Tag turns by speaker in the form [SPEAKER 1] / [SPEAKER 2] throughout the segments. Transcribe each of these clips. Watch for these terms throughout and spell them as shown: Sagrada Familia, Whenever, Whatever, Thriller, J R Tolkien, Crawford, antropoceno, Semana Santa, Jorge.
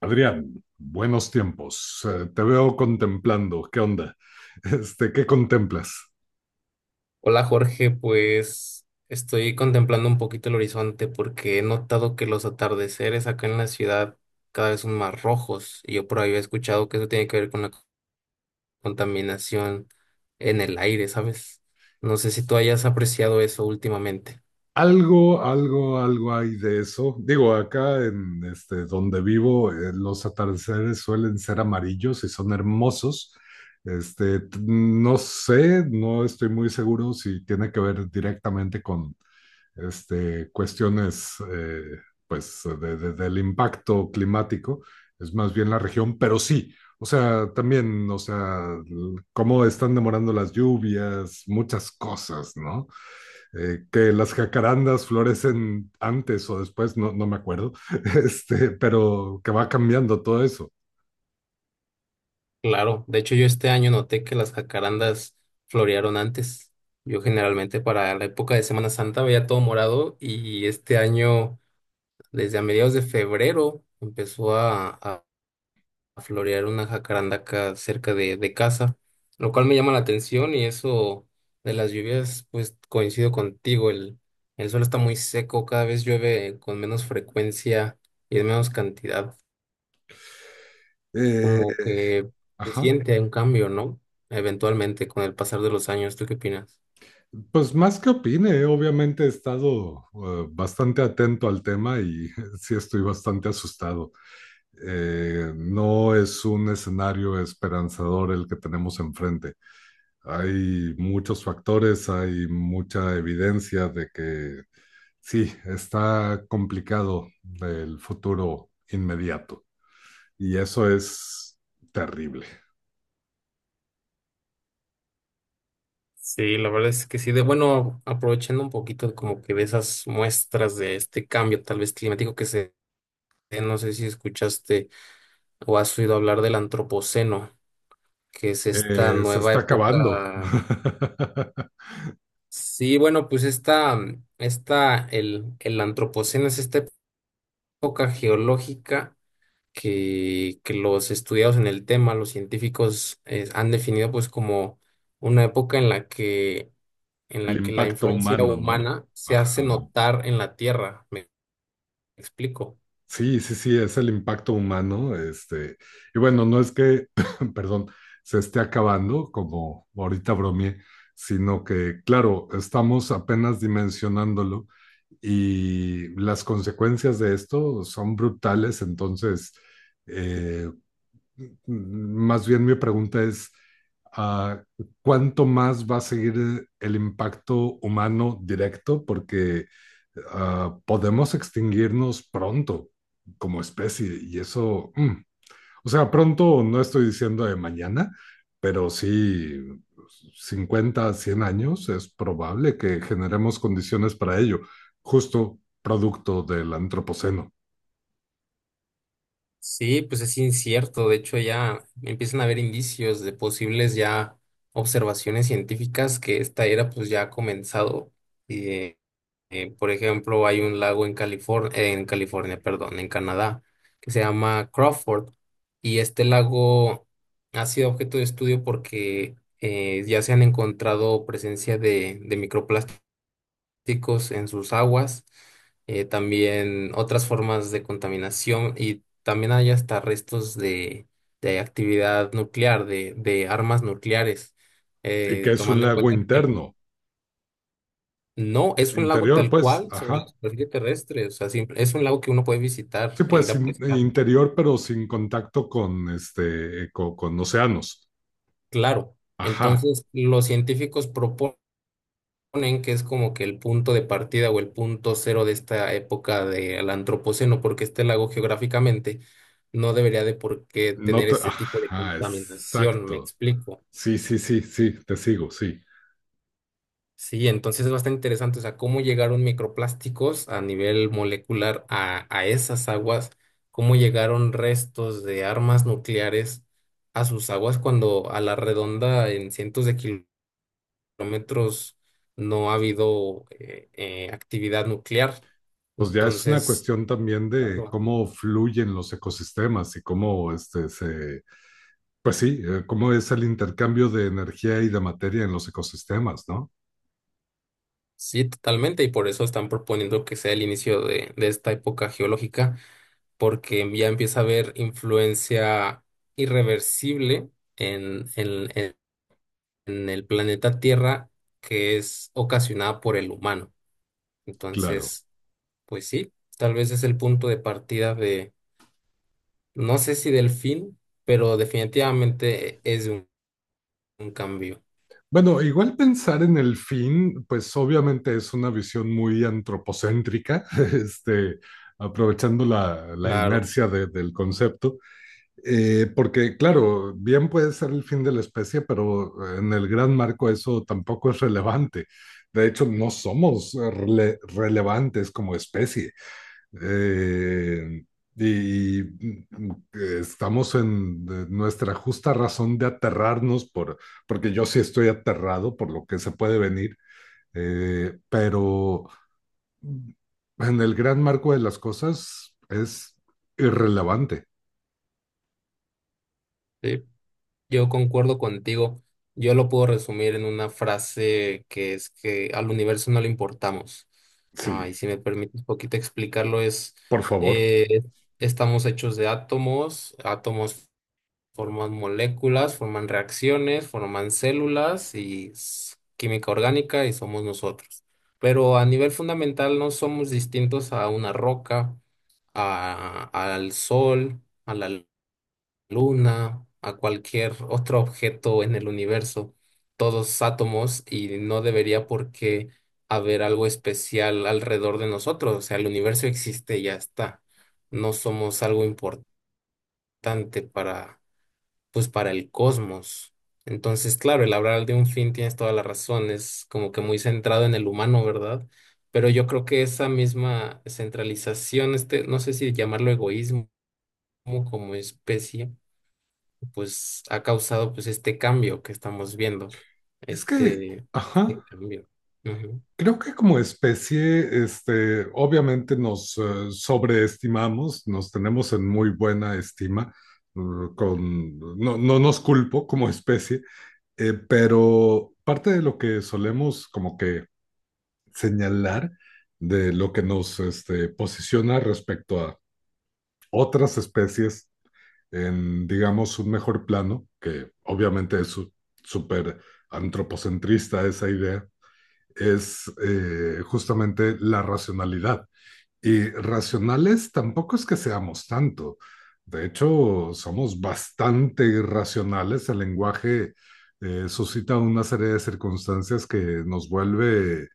[SPEAKER 1] Adrián, buenos tiempos. Te veo contemplando. ¿Qué onda? ¿Qué contemplas?
[SPEAKER 2] Hola Jorge, pues estoy contemplando un poquito el horizonte porque he notado que los atardeceres acá en la ciudad cada vez son más rojos y yo por ahí he escuchado que eso tiene que ver con la contaminación en el aire, ¿sabes? No sé si tú hayas apreciado eso últimamente.
[SPEAKER 1] Algo, algo, algo hay de eso. Digo, acá en donde vivo, los atardeceres suelen ser amarillos y son hermosos. No sé, no estoy muy seguro si tiene que ver directamente con cuestiones pues del impacto climático, es más bien la región, pero sí, o sea, también, o sea, cómo están demorando las lluvias, muchas cosas, ¿no? Que las jacarandas florecen antes o después, no, no me acuerdo, pero que va cambiando todo eso.
[SPEAKER 2] Claro, de hecho yo este año noté que las jacarandas florearon antes. Yo generalmente para la época de Semana Santa veía todo morado y este año desde a mediados de febrero empezó a florear una jacaranda acá cerca de casa, lo cual me llama la atención. Y eso de las lluvias, pues coincido contigo, el suelo está muy seco, cada vez llueve con menos frecuencia y en menos cantidad,
[SPEAKER 1] Eh,
[SPEAKER 2] como que se
[SPEAKER 1] ajá.
[SPEAKER 2] siente un cambio, ¿no? Eventualmente, con el pasar de los años, ¿tú qué opinas?
[SPEAKER 1] Pues más que opine, obviamente he estado bastante atento al tema y sí estoy bastante asustado. No es un escenario esperanzador el que tenemos enfrente. Hay muchos factores, hay mucha evidencia de que sí, está complicado el futuro inmediato y eso es terrible.
[SPEAKER 2] Sí, la verdad es que sí, de bueno, aprovechando un poquito como que de esas muestras de este cambio tal vez climático que se, no sé si escuchaste o has oído hablar del antropoceno, que es esta
[SPEAKER 1] Se
[SPEAKER 2] nueva
[SPEAKER 1] está acabando.
[SPEAKER 2] época. Sí, bueno, pues el antropoceno es esta época geológica que los estudiados en el tema, los científicos, han definido pues como una época en
[SPEAKER 1] El
[SPEAKER 2] la que la
[SPEAKER 1] impacto
[SPEAKER 2] influencia
[SPEAKER 1] humano, ¿no?
[SPEAKER 2] humana se
[SPEAKER 1] Ajá.
[SPEAKER 2] hace notar en la Tierra. ¿Me explico?
[SPEAKER 1] Sí, sí, sí, es el impacto humano. Y bueno, no es que, perdón, se esté acabando, como ahorita bromeé, sino que, claro, estamos apenas dimensionándolo y las consecuencias de esto son brutales. Entonces, eh, más bien mi pregunta es, ah, ¿cuánto más va a seguir el impacto humano directo? Porque podemos extinguirnos pronto como especie. Y eso, o sea, pronto no estoy diciendo de mañana, pero sí 50, 100 años es probable que generemos condiciones para ello, justo producto del antropoceno,
[SPEAKER 2] Sí, pues es incierto. De hecho, ya empiezan a haber indicios de posibles ya observaciones científicas que esta era pues ya ha comenzado. Eh, por ejemplo, hay un lago en California, perdón, en Canadá, que se llama Crawford. Y este lago ha sido objeto de estudio porque ya se han encontrado presencia de microplásticos plásticos en sus aguas, también otras formas de contaminación, y también hay hasta restos de actividad nuclear, de armas nucleares,
[SPEAKER 1] y que es un
[SPEAKER 2] tomando en
[SPEAKER 1] lago
[SPEAKER 2] cuenta que el-
[SPEAKER 1] interno,
[SPEAKER 2] no es un lago
[SPEAKER 1] interior,
[SPEAKER 2] tal
[SPEAKER 1] pues,
[SPEAKER 2] cual sobre la
[SPEAKER 1] ajá.
[SPEAKER 2] superficie terrestre, o sea, simple- es un lago que uno puede visitar
[SPEAKER 1] Sí,
[SPEAKER 2] e
[SPEAKER 1] pues
[SPEAKER 2] ir a pescar,
[SPEAKER 1] interior, pero sin contacto con océanos.
[SPEAKER 2] claro.
[SPEAKER 1] Ajá,
[SPEAKER 2] Entonces, los científicos proponen ponen que es como que el punto de partida o el punto cero de esta época del antropoceno, porque este lago geográficamente no debería de por qué
[SPEAKER 1] no
[SPEAKER 2] tener
[SPEAKER 1] te-
[SPEAKER 2] este tipo de
[SPEAKER 1] ajá,
[SPEAKER 2] contaminación, me
[SPEAKER 1] exacto.
[SPEAKER 2] explico.
[SPEAKER 1] Sí, sí, sí, sí, te sigo, sí.
[SPEAKER 2] Sí, entonces es bastante interesante, o sea, cómo llegaron microplásticos a nivel molecular a esas aguas, cómo llegaron restos de armas nucleares a sus aguas cuando a la redonda en cientos de kilómetros no ha habido actividad nuclear.
[SPEAKER 1] Pues ya es una
[SPEAKER 2] Entonces,
[SPEAKER 1] cuestión también de
[SPEAKER 2] claro,
[SPEAKER 1] cómo fluyen los ecosistemas y cómo este se Pues sí, cómo es el intercambio de energía y de materia en los ecosistemas, ¿no?
[SPEAKER 2] sí, totalmente, y por eso están proponiendo que sea el inicio de esta época geológica, porque ya empieza a haber influencia irreversible en, en, en- en el planeta Tierra, que es ocasionada por el humano.
[SPEAKER 1] Claro.
[SPEAKER 2] Entonces, pues sí, tal vez es el punto de partida de, no sé si del fin, pero definitivamente es un cambio,
[SPEAKER 1] Bueno, igual pensar en el fin, pues obviamente es una visión muy antropocéntrica. este, Aprovechando la
[SPEAKER 2] claro.
[SPEAKER 1] inercia del concepto, porque claro, bien puede ser el fin de la especie, pero en el gran marco eso tampoco es relevante. De hecho, no somos relevantes como especie. Eh, y estamos en nuestra justa razón de aterrarnos porque yo sí estoy aterrado por lo que se puede venir, pero mm, en el gran marco de las cosas es irrelevante.
[SPEAKER 2] Sí, yo concuerdo contigo. Yo lo puedo resumir en una frase que es que al universo no le importamos. Ah, y
[SPEAKER 1] Sí,
[SPEAKER 2] si me permites un poquito explicarlo, es
[SPEAKER 1] por favor.
[SPEAKER 2] eh, estamos hechos de átomos, átomos forman moléculas, forman reacciones, forman células y s- química orgánica y somos nosotros. Pero a nivel fundamental no somos distintos a una roca, a- al sol, a la luna, a cualquier otro objeto en el universo, todos átomos, y no debería por qué haber algo especial alrededor de nosotros. O sea, el universo existe y ya está. No somos algo importante para, pues, para el cosmos. Entonces, claro, el hablar de un fin, tienes toda la razón, es como que muy centrado en el humano, ¿verdad? Pero yo creo que esa misma centralización, este, no sé si llamarlo egoísmo como especie, pues ha causado pues este cambio que estamos viendo,
[SPEAKER 1] Es que,
[SPEAKER 2] este, este
[SPEAKER 1] ajá.
[SPEAKER 2] cambio. Ujú.
[SPEAKER 1] Creo que como especie, obviamente nos sobreestimamos, nos tenemos en muy buena estima. Eh, con, no, no nos culpo como especie. Pero parte de lo que solemos como que señalar de lo que nos posiciona respecto a otras especies en, digamos, un mejor plano, que obviamente es súper antropocentrista esa idea es justamente la racionalidad. Y racionales tampoco es que seamos tanto. De hecho, somos bastante irracionales. El lenguaje suscita una serie de circunstancias que nos vuelve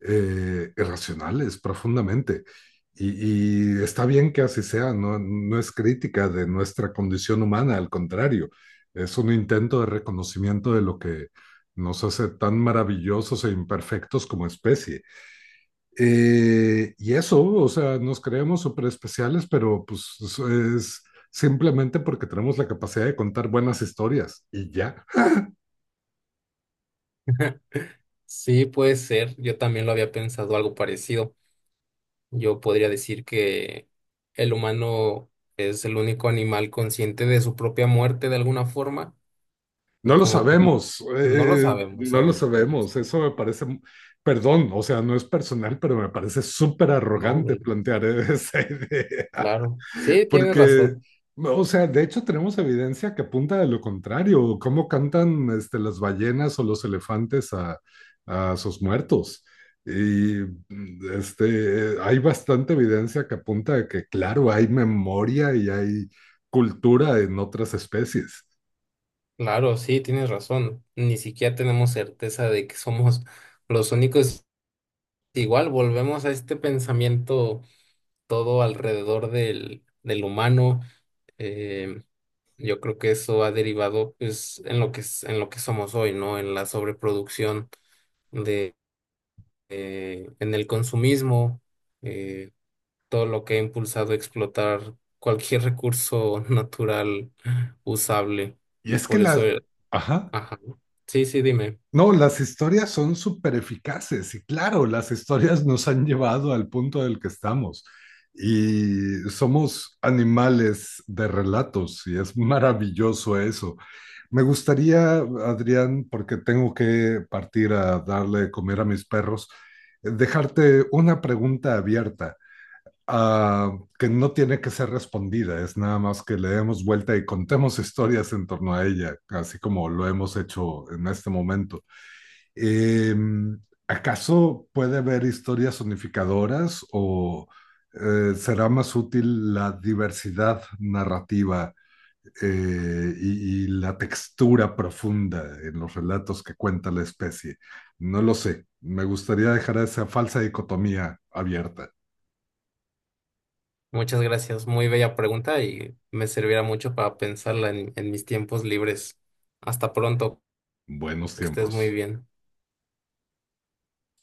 [SPEAKER 1] irracionales profundamente. Y está bien que así sea, no, no es crítica de nuestra condición humana, al contrario, es un intento de reconocimiento de lo que nos hace tan maravillosos e imperfectos como especie. Y eso, o sea, nos creemos súper especiales, pero pues es simplemente porque tenemos la capacidad de contar buenas historias y ya.
[SPEAKER 2] Sí, puede ser, yo también lo había pensado algo parecido. Yo podría decir que el humano es el único animal consciente de su propia muerte de alguna forma, y
[SPEAKER 1] No lo
[SPEAKER 2] como que
[SPEAKER 1] sabemos,
[SPEAKER 2] no lo sabemos
[SPEAKER 1] no lo
[SPEAKER 2] aún.
[SPEAKER 1] sabemos.
[SPEAKER 2] Sí,
[SPEAKER 1] Eso me parece, perdón, o sea, no es personal, pero me parece súper
[SPEAKER 2] no,
[SPEAKER 1] arrogante
[SPEAKER 2] y-
[SPEAKER 1] plantear esa idea,
[SPEAKER 2] claro, sí, tienes
[SPEAKER 1] porque,
[SPEAKER 2] razón,
[SPEAKER 1] o sea, de hecho tenemos evidencia que apunta a lo contrario, cómo cantan las ballenas o los elefantes a sus muertos. Y hay bastante evidencia que apunta a que, claro, hay memoria y hay cultura en otras especies.
[SPEAKER 2] claro, sí, tienes razón. Ni siquiera tenemos certeza de que somos los únicos. Igual volvemos a este pensamiento todo alrededor del humano. eh, yo creo que eso ha derivado pues, en lo que, es- en lo que somos hoy, ¿no? En la sobreproducción de, en el consumismo, eh, todo lo que ha impulsado a explotar cualquier recurso natural usable.
[SPEAKER 1] Y
[SPEAKER 2] Y
[SPEAKER 1] es que
[SPEAKER 2] por eso,
[SPEAKER 1] la. Ajá.
[SPEAKER 2] ajá. Sí, sí, dime.
[SPEAKER 1] No, las historias son súper eficaces y claro, las historias nos han llevado al punto del que estamos y somos animales de relatos y es maravilloso eso. Me gustaría, Adrián, porque tengo que partir a darle de comer a mis perros, dejarte una pregunta abierta, ah, que no tiene que ser respondida, es nada más que le demos vuelta y contemos historias en torno a ella, así como lo hemos hecho en este momento. Eh, ¿Acaso puede haber historias unificadoras o será más útil la diversidad narrativa y la textura profunda en los relatos que cuenta la especie? No lo sé. Me gustaría dejar esa falsa dicotomía abierta.
[SPEAKER 2] Muchas gracias. Muy bella pregunta y me servirá mucho para pensarla en mis tiempos libres. Hasta pronto,
[SPEAKER 1] Buenos
[SPEAKER 2] que estés muy
[SPEAKER 1] tiempos.
[SPEAKER 2] bien.